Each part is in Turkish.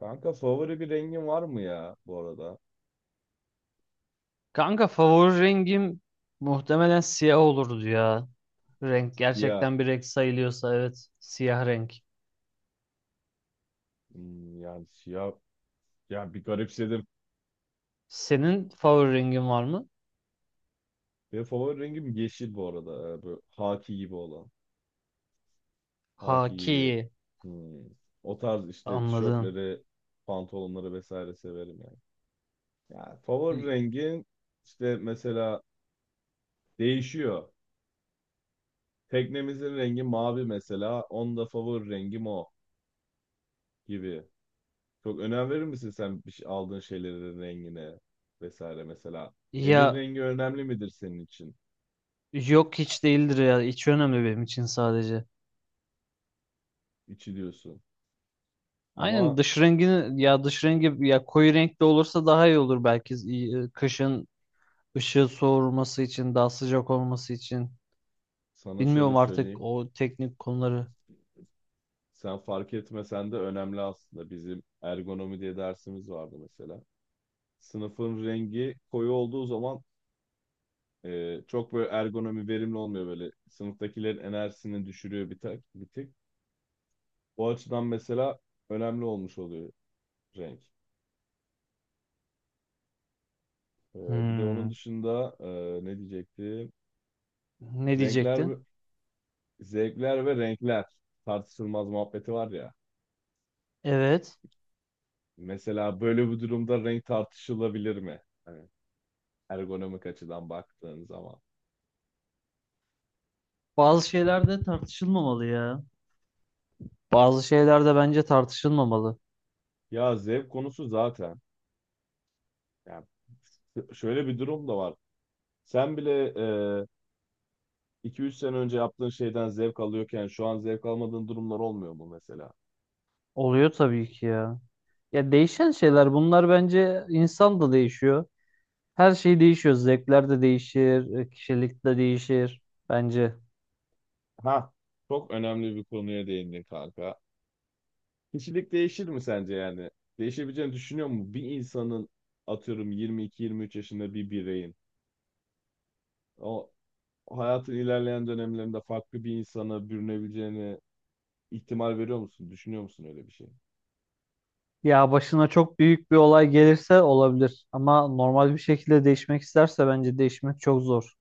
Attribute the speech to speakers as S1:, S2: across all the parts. S1: Kanka, favori bir rengin var mı ya bu arada?
S2: Kanka favori rengim muhtemelen siyah olurdu ya. Renk
S1: Siyah.
S2: gerçekten bir renk sayılıyorsa evet siyah renk.
S1: Yani siyah. Yani bir garipsedim.
S2: Senin favori rengin var mı?
S1: Benim favori rengim yeşil bu arada. Böyle haki gibi olan. Haki
S2: Haki
S1: gibi. Hmm. O tarz işte
S2: anladın.
S1: tişörtleri, pantolonları vesaire severim yani. Yani favori rengin işte mesela değişiyor. Teknemizin rengi mavi mesela. Onun da favori rengim o gibi. Çok önem verir misin sen aldığın şeylerin rengine vesaire mesela? Evin
S2: Ya
S1: rengi önemli midir senin için?
S2: yok, hiç değildir ya, hiç önemli benim için sadece.
S1: İçi diyorsun.
S2: Aynen
S1: Ama
S2: dış rengini, ya dış rengi ya, koyu renkli olursa daha iyi olur belki. İyi, kışın ışığı soğurması için, daha sıcak olması için.
S1: sana şöyle
S2: Bilmiyorum artık
S1: söyleyeyim.
S2: o teknik konuları.
S1: Sen fark etmesen de önemli aslında. Bizim ergonomi diye dersimiz vardı mesela. Sınıfın rengi koyu olduğu zaman çok böyle ergonomi verimli olmuyor böyle. Sınıftakilerin enerjisini düşürüyor bir tek. O açıdan mesela önemli olmuş oluyor renk. E, Bir de onun
S2: Hmm.
S1: dışında ne diyecektim?
S2: Ne
S1: Renkler, ve-
S2: diyecektin?
S1: Zevkler ve renkler tartışılmaz muhabbeti var ya.
S2: Evet.
S1: Mesela böyle bir durumda renk tartışılabilir mi? Hani ergonomik açıdan baktığın zaman.
S2: Bazı şeyler de tartışılmamalı ya. Bazı şeyler de bence tartışılmamalı.
S1: Ya zevk konusu zaten. Yani şöyle bir durum da var. Sen bile 2 3 sene önce yaptığın şeyden zevk alıyorken şu an zevk almadığın durumlar olmuyor mu mesela?
S2: Oluyor tabii ki ya. Ya değişen şeyler bunlar, bence insan da değişiyor. Her şey değişiyor. Zevkler de değişir, kişilik de değişir bence.
S1: Ha, çok önemli bir konuya değindin kanka. Kişilik değişir mi sence yani? Değişebileceğini düşünüyor mu? Bir insanın, atıyorum, 22-23 yaşında bir bireyin, o hayatın ilerleyen dönemlerinde farklı bir insana bürünebileceğine ihtimal veriyor musun? Düşünüyor musun öyle bir şey?
S2: Ya başına çok büyük bir olay gelirse olabilir, ama normal bir şekilde değişmek isterse bence değişmek çok zor.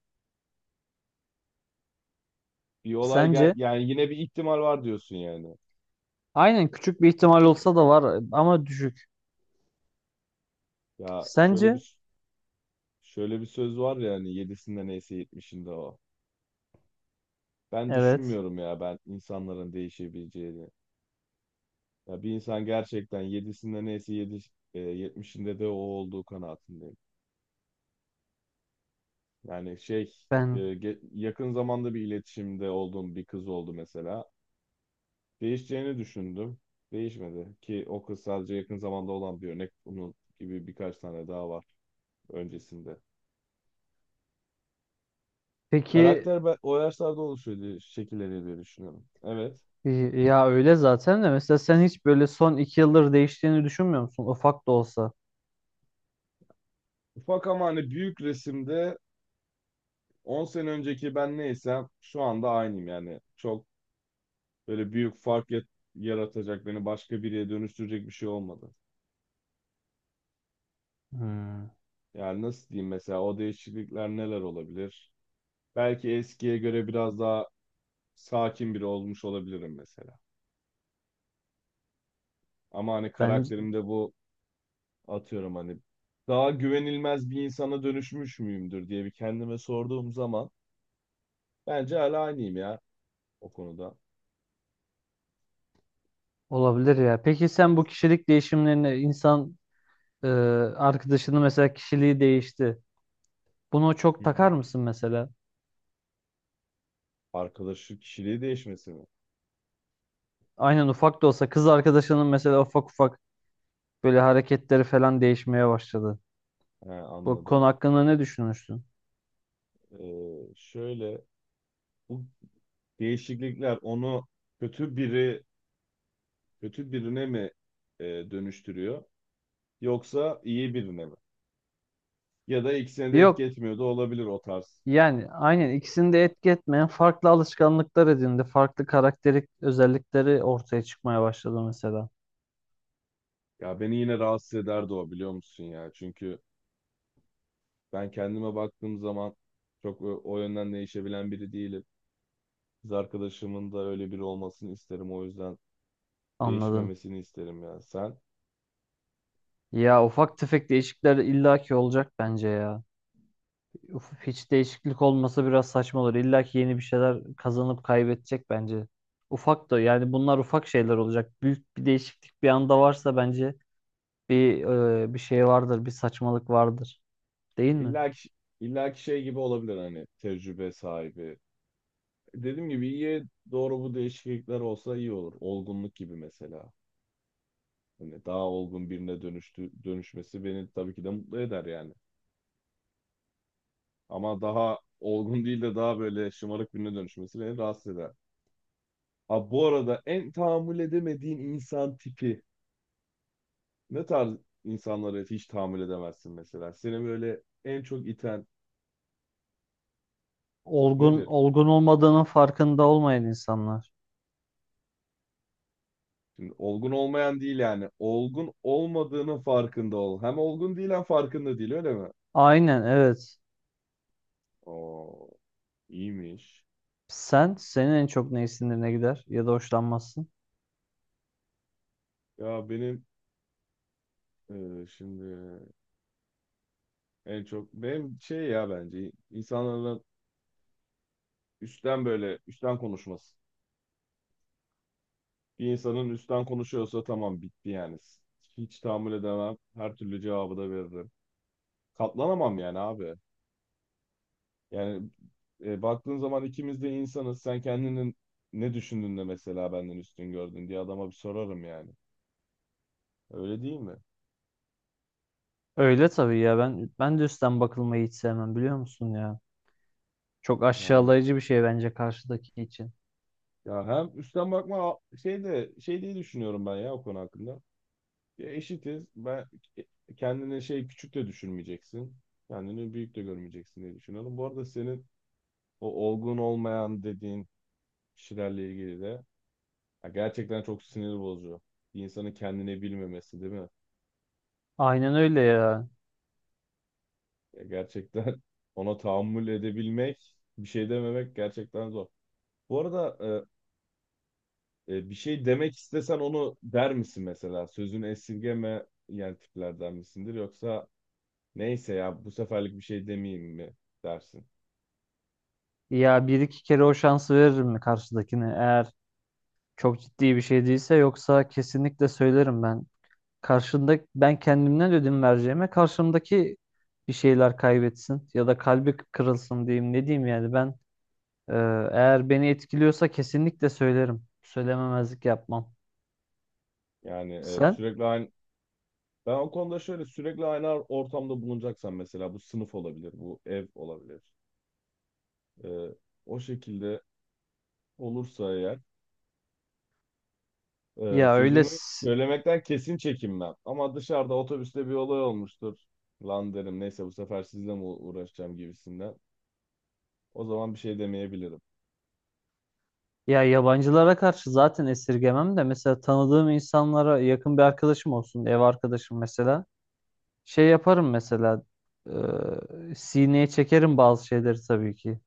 S1: Bir olay
S2: Sence?
S1: gel, yani yine bir ihtimal var diyorsun yani.
S2: Aynen, küçük bir ihtimal olsa da var ama düşük.
S1: Ya
S2: Sence?
S1: şöyle bir Şöyle bir söz var ya, hani yedisinde neyse yetmişinde o. Ben
S2: Evet.
S1: düşünmüyorum ya, ben insanların değişebileceğini. Ya bir insan gerçekten yedisinde neyse yedi, yetmişinde de o olduğu kanaatindeyim. Yani şey e,
S2: Ben.
S1: ge- yakın zamanda bir iletişimde olduğum bir kız oldu mesela. Değişeceğini düşündüm. Değişmedi ki. O kız sadece yakın zamanda olan bir örnek. Bunun gibi birkaç tane daha var öncesinde.
S2: Peki.
S1: Karakter, ben o yaşlarda oluşuyor diye, şekilleniyor diye düşünüyorum. Evet.
S2: Ya öyle zaten de, mesela sen hiç böyle son iki yıldır değiştiğini düşünmüyor musun? Ufak da olsa.
S1: Ufak ama hani büyük resimde 10 sene önceki ben neysem şu anda aynıyım yani. Çok böyle büyük yaratacak, beni başka biriye dönüştürecek bir şey olmadı.
S2: Hmm,
S1: Yani nasıl diyeyim, mesela o değişiklikler neler olabilir? Belki eskiye göre biraz daha sakin biri olmuş olabilirim mesela. Ama hani
S2: bence
S1: karakterimde bu, atıyorum hani, daha güvenilmez bir insana dönüşmüş müyümdür diye bir kendime sorduğum zaman bence hala aynıyım ya o konuda.
S2: olabilir ya. Peki sen bu kişilik değişimlerine, insan e, arkadaşının mesela kişiliği değişti. Bunu
S1: Hı
S2: çok
S1: hı.
S2: takar mısın mesela?
S1: Arkadaşlık kişiliği değişmesi mi?
S2: Aynen, ufak da olsa kız arkadaşının mesela, ufak ufak böyle hareketleri falan değişmeye başladı.
S1: He,
S2: Bu konu
S1: anladım.
S2: hakkında ne düşünürsün?
S1: Şöyle, bu değişiklikler onu kötü biri kötü birine mi dönüştürüyor, yoksa iyi birine mi? Ya da ikisine de etki
S2: Yok.
S1: etmiyor da olabilir o tarz.
S2: Yani aynen ikisini de etki etmeyen farklı alışkanlıklar edindi. Farklı karakterik özellikleri ortaya çıkmaya başladı mesela.
S1: Ya beni yine rahatsız ederdi o, biliyor musun ya? Çünkü ben kendime baktığım zaman çok o yönden değişebilen biri değilim. Kız arkadaşımın da öyle biri olmasını isterim. O yüzden
S2: Anladım.
S1: değişmemesini isterim ya. Sen.
S2: Ya ufak tefek değişiklikler illaki olacak bence ya. Uf, hiç değişiklik olmasa biraz saçma olur. illaki yeni bir şeyler kazanıp kaybedecek bence. Ufak da, yani bunlar ufak şeyler olacak. Büyük bir değişiklik bir anda varsa bence bir bir şey vardır, bir saçmalık vardır. Değil mi?
S1: illa ki, illa ki şey gibi olabilir, hani tecrübe sahibi. Dediğim gibi iyiye doğru bu değişiklikler olsa iyi olur. Olgunluk gibi mesela. Hani daha olgun birine dönüştü, dönüşmesi beni tabii ki de mutlu eder yani. Ama daha olgun değil de daha böyle şımarık birine dönüşmesi beni rahatsız eder. Abi bu arada en tahammül edemediğin insan tipi, ne tarz insanları hiç tahammül edemezsin mesela? Seni böyle en çok iten
S2: Olgun,
S1: nedir?
S2: olgun olmadığının farkında olmayan insanlar.
S1: Şimdi olgun olmayan değil yani. Olgun olmadığının farkında ol. Hem olgun değil hem farkında değil, öyle mi?
S2: Aynen, evet.
S1: Oo, iyiymiş.
S2: Sen, senin en çok ne sinirine gider ya da hoşlanmazsın?
S1: Ya benim e, şimdi En çok benim bence insanların üstten, böyle üstten konuşması. Bir insanın üstten konuşuyorsa, tamam, bitti yani. Hiç tahammül edemem. Her türlü cevabı da veririm. Katlanamam yani abi. Yani baktığın zaman ikimiz de insanız. Sen kendini ne düşündün de mesela benden üstün gördün diye adama bir sorarım yani. Öyle değil mi?
S2: Öyle tabii ya, ben de üstten bakılmayı hiç sevmem, biliyor musun ya? Çok
S1: Yani
S2: aşağılayıcı bir şey bence, karşıdaki için.
S1: ya hem üstten bakma a- şey de şey diye düşünüyorum ben ya o konu hakkında. Ya eşitiz. Kendini küçük de düşürmeyeceksin. Kendini büyük de görmeyeceksin diye düşünüyorum. Bu arada senin o olgun olmayan dediğin kişilerle ilgili de, ya gerçekten çok sinir bozucu. Bir insanın kendini bilmemesi, değil mi?
S2: Aynen öyle ya.
S1: Ya gerçekten ona tahammül edebilmek, bir şey dememek gerçekten zor. Bu arada, bir şey demek istesen onu der misin mesela? Sözünü esirgeme yani tiplerden misindir, yoksa neyse ya bu seferlik bir şey demeyeyim mi dersin?
S2: Ya bir iki kere o şansı veririm mi karşıdakine? Eğer çok ciddi bir şey değilse, yoksa kesinlikle söylerim ben. Karşında ben kendimden ödün vereceğime, karşımdaki bir şeyler kaybetsin ya da kalbi kırılsın diyeyim, ne diyeyim yani ben. Ee, Eğer beni etkiliyorsa kesinlikle söylerim. Söylememezlik yapmam.
S1: Yani e,
S2: Sen?
S1: sürekli aynı Ben o konuda şöyle, sürekli aynı ortamda bulunacaksam mesela, bu sınıf olabilir, bu ev olabilir. E, O şekilde olursa eğer,
S2: Ya öyle
S1: sözümü
S2: s-
S1: söylemekten kesin çekinmem. Ama dışarıda otobüste bir olay olmuştur. Lan derim, neyse bu sefer, sizle mi uğraşacağım gibisinden. O zaman bir şey demeyebilirim.
S2: ya yabancılara karşı zaten esirgemem de, mesela tanıdığım insanlara, yakın bir arkadaşım olsun, ev arkadaşım mesela. Şey yaparım mesela. Sineye çekerim bazı şeyleri tabii ki.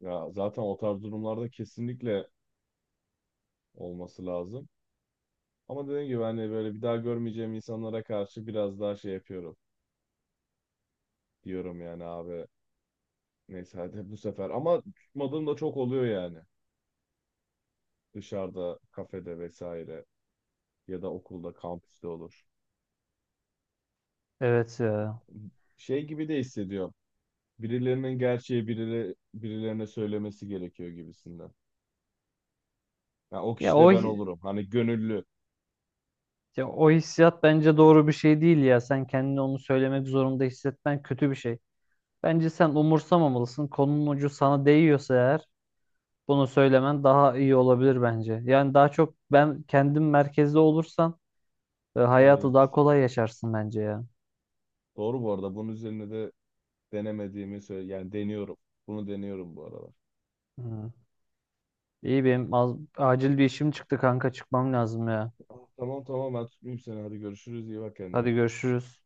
S1: Ya zaten o tarz durumlarda kesinlikle olması lazım. Ama dediğim gibi hani böyle bir daha görmeyeceğim insanlara karşı biraz daha şey yapıyorum. Diyorum yani abi, neyse hadi bu sefer. Ama tutmadığım da çok oluyor yani. Dışarıda, kafede vesaire, ya da okulda, kampüste olur.
S2: Evet ya.
S1: Şey gibi de hissediyorum. Birilerinin gerçeği birilerine söylemesi gerekiyor gibisinden. Yani o
S2: Ya
S1: kişi de
S2: o
S1: ben
S2: hi-
S1: olurum. Hani gönüllü.
S2: ya o hissiyat bence doğru bir şey değil ya. Sen kendini onu söylemek zorunda hissetmen kötü bir şey. Bence sen umursamamalısın. Konunun ucu sana değiyorsa eğer, bunu söylemen daha iyi olabilir bence. Yani daha çok ben kendim merkezde olursan, hayatı
S1: Evet.
S2: daha kolay yaşarsın bence ya.
S1: Doğru bu arada. Bunun üzerine de denemediğimi söyle. Yani deniyorum. Bunu deniyorum bu aralar.
S2: Hı. İyi, benim az- acil bir işim çıktı kanka, çıkmam lazım ya.
S1: Ah, tamam tamam, ben tutmayayım seni. Hadi görüşürüz. İyi bak
S2: Hadi
S1: kendine.
S2: görüşürüz.